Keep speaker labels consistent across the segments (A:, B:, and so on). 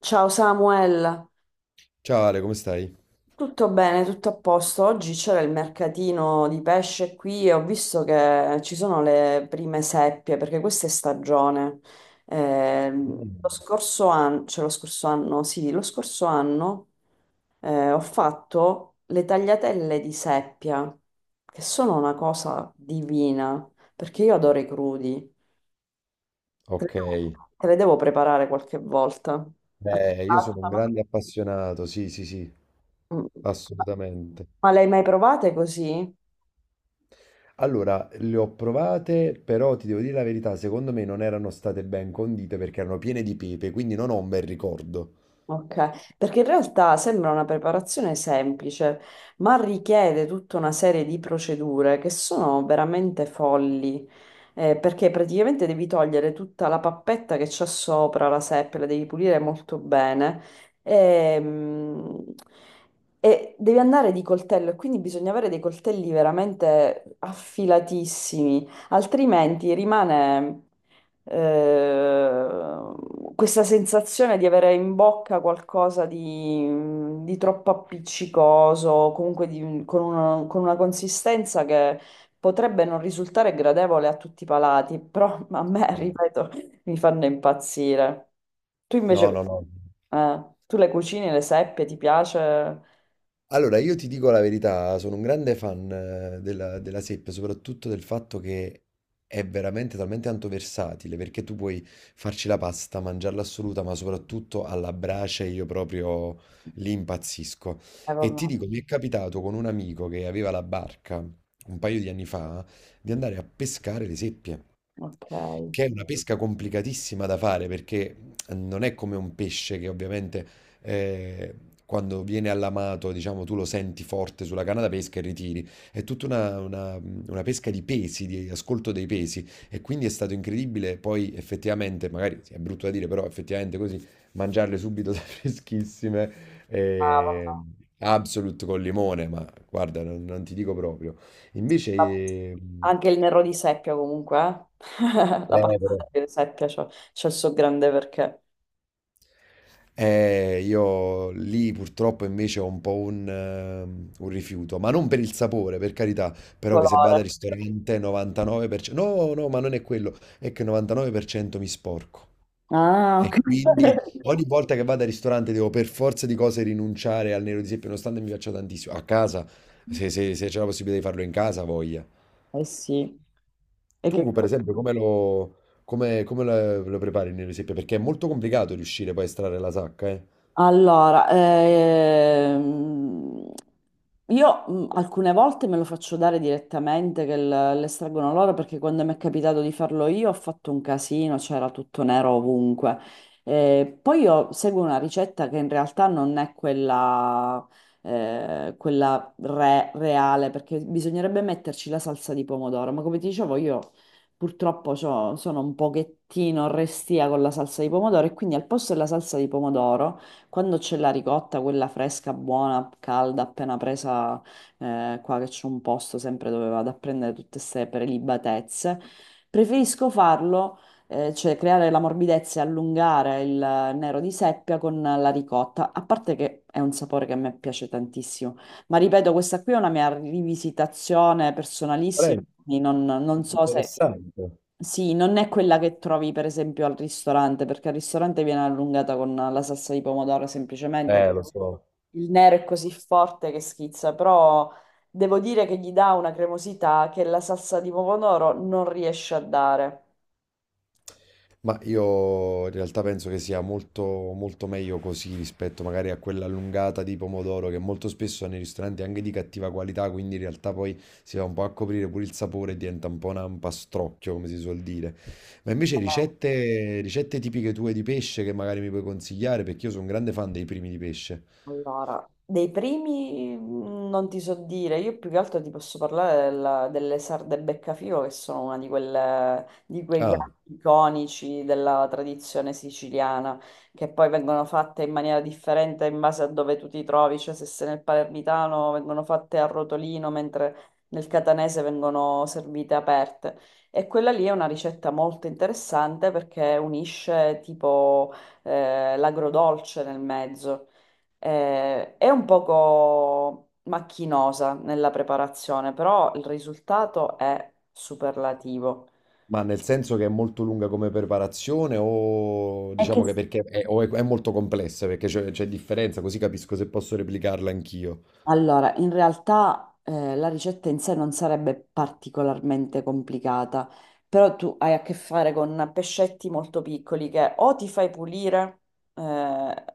A: Ciao Samuel,
B: Ciao Ale, come stai?
A: tutto bene, tutto a posto. Oggi c'era il mercatino di pesce qui e ho visto che ci sono le prime seppie perché questa è stagione. Lo
B: Bene.
A: scorso anno, cioè lo scorso anno, sì, lo scorso anno ho fatto le tagliatelle di seppia, che sono una cosa divina, perché io adoro i crudi. Te le
B: Ok,
A: devo, te le devo preparare qualche volta. A te
B: beh, io sono un
A: piacciono?
B: grande appassionato, sì, sì, sì,
A: Mm.
B: assolutamente.
A: Ma le hai mai provate così?
B: Allora, le ho provate, però ti devo dire la verità, secondo me non erano state ben condite perché erano piene di pepe, quindi non ho un bel ricordo.
A: Ok, perché in realtà sembra una preparazione semplice, ma richiede tutta una serie di procedure che sono veramente folli, perché praticamente devi togliere tutta la pappetta che c'è sopra la seppia, la devi pulire molto bene e, mm, e devi andare di coltello, e quindi bisogna avere dei coltelli veramente affilatissimi. Altrimenti rimane, eh, questa sensazione di avere in bocca qualcosa di troppo appiccicoso, comunque con una consistenza che potrebbe non risultare gradevole a tutti i palati, però a me,
B: Eh.
A: ripeto, mi fanno impazzire. Tu
B: No,
A: invece,
B: no, no.
A: tu le cucini, le seppie, ti piace?
B: Allora, io ti dico la verità, sono un grande fan della, della seppia, soprattutto del fatto che è veramente talmente tanto versatile, perché tu puoi farci la pasta, mangiarla assoluta, ma soprattutto alla brace io proprio lì impazzisco. E
A: Vabbè,
B: ti dico, mi è capitato con un amico che aveva la barca un paio di anni fa di andare a pescare le seppie,
A: ok.
B: che è una pesca complicatissima da fare, perché non è come un pesce che ovviamente eh, quando viene allamato, diciamo, tu lo senti forte sulla canna da pesca e ritiri. È tutta una pesca di pesi, di ascolto dei pesi, e quindi è stato incredibile poi effettivamente, magari sì, è brutto da dire, però effettivamente così mangiarle subito da freschissime. eh,
A: Ah,
B: Absolute col limone, ma guarda, non, non ti dico proprio. Invece,
A: vabbè. Anche il nero di seppia comunque, eh? La pasta
B: però.
A: di seppia c'ha il suo grande perché.
B: Io lì purtroppo invece ho un po' un rifiuto, ma non per il sapore, per carità, però che se vado
A: Colore.
B: al ristorante 99%, no, no, ma non è quello, è che 99% mi sporco.
A: Ah, ok.
B: E quindi ogni volta che vado al ristorante devo per forza di cose rinunciare al nero di seppia, nonostante mi piaccia tantissimo. A casa, se c'è la possibilità di farlo in casa, voglia.
A: Eh sì. E che...
B: Tu, per esempio, lo prepari il nero di seppia? Perché è molto complicato riuscire poi a estrarre la sacca, eh?
A: Allora, io alcune volte me lo faccio dare direttamente l'estraggono loro perché quando mi è capitato di farlo io ho fatto un casino, c'era tutto nero ovunque. Poi io seguo una ricetta che in realtà non è quella, quella reale perché bisognerebbe metterci la salsa di pomodoro, ma come ti dicevo io purtroppo sono un pochettino restia con la salsa di pomodoro e quindi al posto della salsa di pomodoro... Quando c'è la ricotta, quella fresca, buona, calda, appena presa, qua che c'è un posto sempre dove vado a prendere tutte queste prelibatezze, preferisco farlo, cioè creare la morbidezza e allungare il nero di seppia con la ricotta, a parte che è un sapore che a me piace tantissimo. Ma ripeto, questa qui è una mia rivisitazione personalissima,
B: Prendi.
A: quindi non so se...
B: Interessante.
A: Sì, non è quella che trovi per esempio al ristorante, perché al ristorante viene allungata con la salsa di pomodoro semplicemente.
B: Lo so.
A: Il nero è così forte che schizza, però devo dire che gli dà una cremosità che la salsa di pomodoro non riesce a dare.
B: Ma io in realtà penso che sia molto, molto meglio così rispetto magari a quella allungata di pomodoro che molto spesso nei ristoranti è anche di cattiva qualità, quindi in realtà poi si va un po' a coprire pure il sapore e diventa un po' un ampastrocchio, come si suol dire. Ma invece ricette tipiche tue di pesce che magari mi puoi consigliare, perché io sono un grande fan dei primi di pesce.
A: Allora, dei primi non ti so dire, io più che altro ti posso parlare delle sarde beccafico che sono una di quelle, di quei
B: Ah.
A: piatti iconici della tradizione siciliana, che poi vengono fatte in maniera differente in base a dove tu ti trovi, cioè se sei nel palermitano vengono fatte a rotolino, mentre nel catanese vengono servite aperte. E quella lì è una ricetta molto interessante perché unisce tipo l'agrodolce nel mezzo. È un poco macchinosa nella preparazione, però il risultato è superlativo.
B: Ma nel senso che è molto lunga come preparazione o
A: È che
B: diciamo che perché è molto complessa, perché c'è differenza, così capisco se posso replicarla anch'io.
A: allora, in realtà la ricetta in sé non sarebbe particolarmente complicata, però tu hai a che fare con pescetti molto piccoli che o ti fai pulire eh,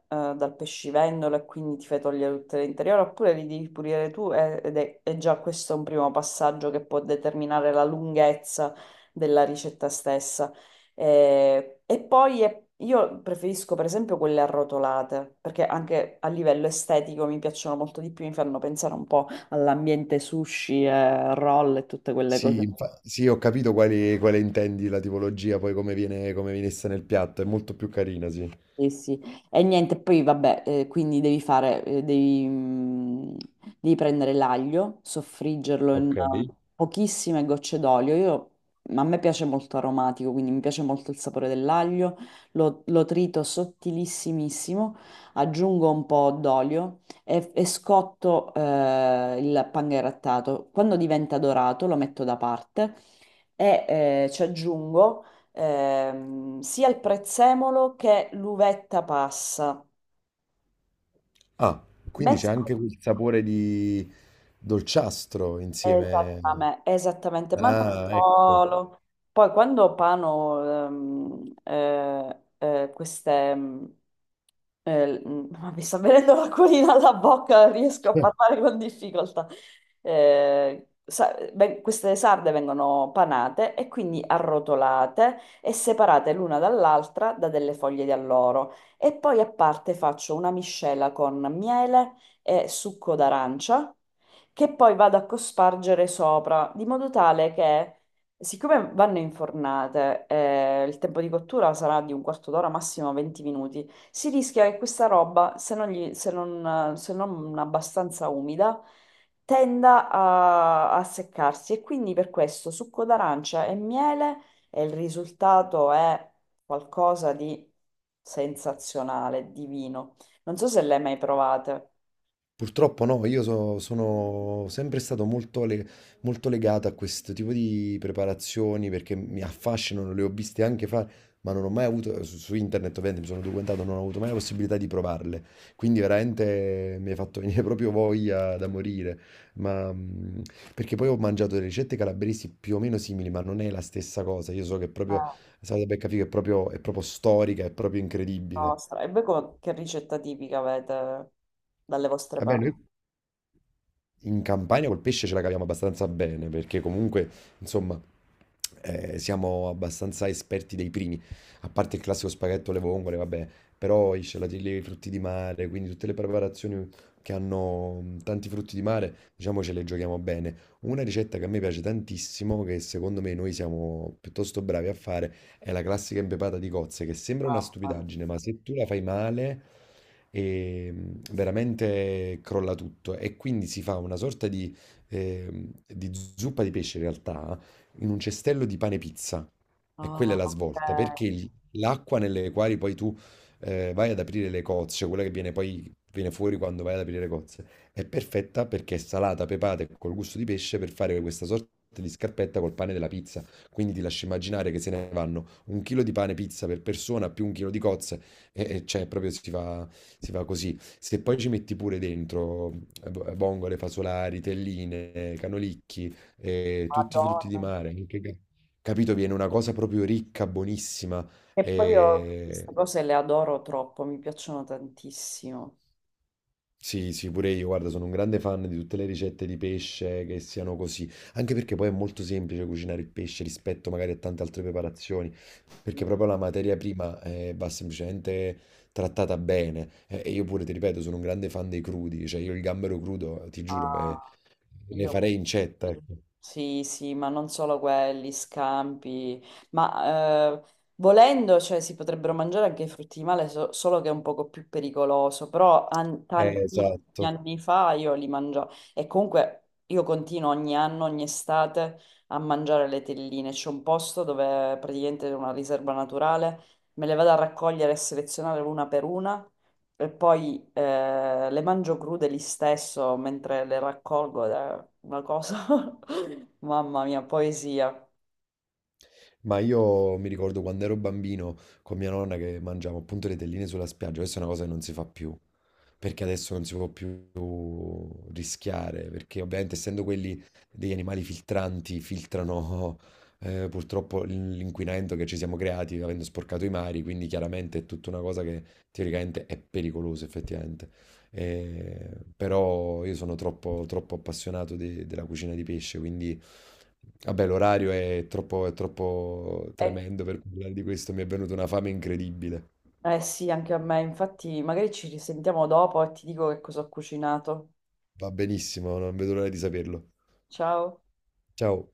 A: dal pescivendolo e quindi ti fai togliere tutto l'interiore, oppure li devi pulire tu ed è, e già questo è un primo passaggio che può determinare la lunghezza della ricetta stessa. E poi io preferisco per esempio quelle arrotolate, perché anche a livello estetico mi piacciono molto di più, mi fanno pensare un po' all'ambiente sushi, e roll e tutte quelle cose.
B: Sì, ho capito quale intendi la tipologia, poi come viene messa nel piatto, è molto più carina, sì.
A: Sì, sì. E niente, poi vabbè, quindi devi fare, devi prendere l'aglio, soffriggerlo in
B: Ok.
A: pochissime gocce d'olio. Io, ma a me piace molto aromatico, quindi mi piace molto il sapore dell'aglio, lo trito sottilissimissimo, aggiungo un po' d'olio e scotto, il pan grattato. Quando diventa dorato lo metto da parte e ci aggiungo sia il prezzemolo che l'uvetta passa.
B: Ah, quindi c'è
A: Messa
B: anche quel sapore di dolciastro insieme.
A: esattame- esattamente, ma non
B: Ah, ecco.
A: solo. Poi quando pano queste... ma mi sta venendo l'acquolina alla bocca, riesco a parlare con difficoltà. Beh, queste sarde vengono panate e quindi arrotolate e separate l'una dall'altra da delle foglie di alloro. E poi a parte faccio una miscela con miele e succo d'arancia che poi vado a cospargere sopra, di modo tale che, siccome vanno infornate, il tempo di cottura sarà di un quarto d'ora, massimo 20 minuti, si rischia che questa roba, se non se non abbastanza umida, a seccarsi e quindi per questo succo d'arancia e miele e il risultato è qualcosa di sensazionale, divino. Non so se le hai mai provate.
B: Purtroppo no, sono sempre stato molto legato a questo tipo di preparazioni perché mi affascinano, le ho viste anche fare, ma non ho mai avuto, su internet ovviamente mi sono documentato, non ho avuto mai la possibilità di provarle, quindi veramente mi hai fatto venire proprio voglia da morire, ma, perché poi ho mangiato delle ricette calabresi più o meno simili, ma non è la stessa cosa, io so che è proprio, la salata beccafico è proprio storica, è proprio incredibile.
A: Nostra. E voi che ricetta tipica avete dalle vostre
B: Va
A: parti?
B: bene. In Campania col pesce ce la caviamo abbastanza bene perché comunque, insomma, siamo abbastanza esperti dei primi, a parte il classico spaghetto alle vongole, vabbè, però i scialatelli, i frutti di mare, quindi tutte le preparazioni che hanno tanti frutti di mare, diciamo ce le giochiamo bene. Una ricetta che a me piace tantissimo, che secondo me noi siamo piuttosto bravi a fare, è la classica impepata di cozze che sembra una
A: Mamma mia.
B: stupidaggine, ma se tu la fai male, veramente crolla tutto. E quindi si fa una sorta di zuppa di pesce, in realtà, in un cestello di pane pizza. E
A: Ah,
B: quella è la svolta,
A: ok.
B: perché l'acqua nelle quali poi tu vai ad aprire le cozze, cioè quella che viene poi viene fuori quando vai ad aprire le cozze, è perfetta perché è salata, pepata e col gusto di pesce per fare questa sorta di scarpetta col pane della pizza. Quindi ti lascio immaginare che se ne vanno un chilo di pane pizza per persona più un chilo di cozze e cioè proprio si fa così. Se poi ci metti pure dentro vongole, fasolari, telline, canolicchi, tutti i frutti di
A: Madonna.
B: mare, capito? Viene una cosa proprio ricca, buonissima.
A: E poi io
B: E...
A: queste cose le adoro troppo, mi piacciono tantissimo.
B: Sì, sì, pure io, guarda, sono un grande fan di tutte le ricette di pesce che siano così, anche perché poi è molto semplice cucinare il pesce rispetto magari a tante altre preparazioni, perché proprio la materia prima va semplicemente trattata bene. E io pure, ti ripeto, sono un grande fan dei crudi, cioè io il gambero crudo, ti giuro,
A: Ah,
B: ne
A: io
B: farei incetta, ecco.
A: sì, sì, ma non solo quelli, scampi, ma volendo, cioè, si potrebbero mangiare anche i frutti di male, solo che è un poco più pericoloso, tantissimi
B: Esatto.
A: anni fa io li mangiavo e comunque io continuo ogni anno, ogni estate a mangiare le telline, c'è un posto dove praticamente è una riserva naturale, me le vado a raccogliere e selezionare una per una e poi le mangio crude lì stesso mentre le raccolgo ed è una cosa, mamma mia, poesia.
B: Ma io mi ricordo quando ero bambino con mia nonna che mangiavo appunto le telline sulla spiaggia, questa è una cosa che non si fa più, perché adesso non si può più rischiare, perché ovviamente essendo quelli degli animali filtranti, filtrano purtroppo l'inquinamento che ci siamo creati avendo sporcato i mari, quindi chiaramente è tutta una cosa che teoricamente è pericolosa effettivamente. Eh, però io sono troppo, troppo appassionato della cucina di pesce, quindi vabbè, l'orario è troppo
A: Eh,
B: tremendo per parlare di questo, mi è venuta una fame incredibile.
A: eh sì, anche a me, infatti magari ci risentiamo dopo e ti dico che cosa ho cucinato.
B: Va benissimo, non vedo l'ora di saperlo.
A: Ciao.
B: Ciao.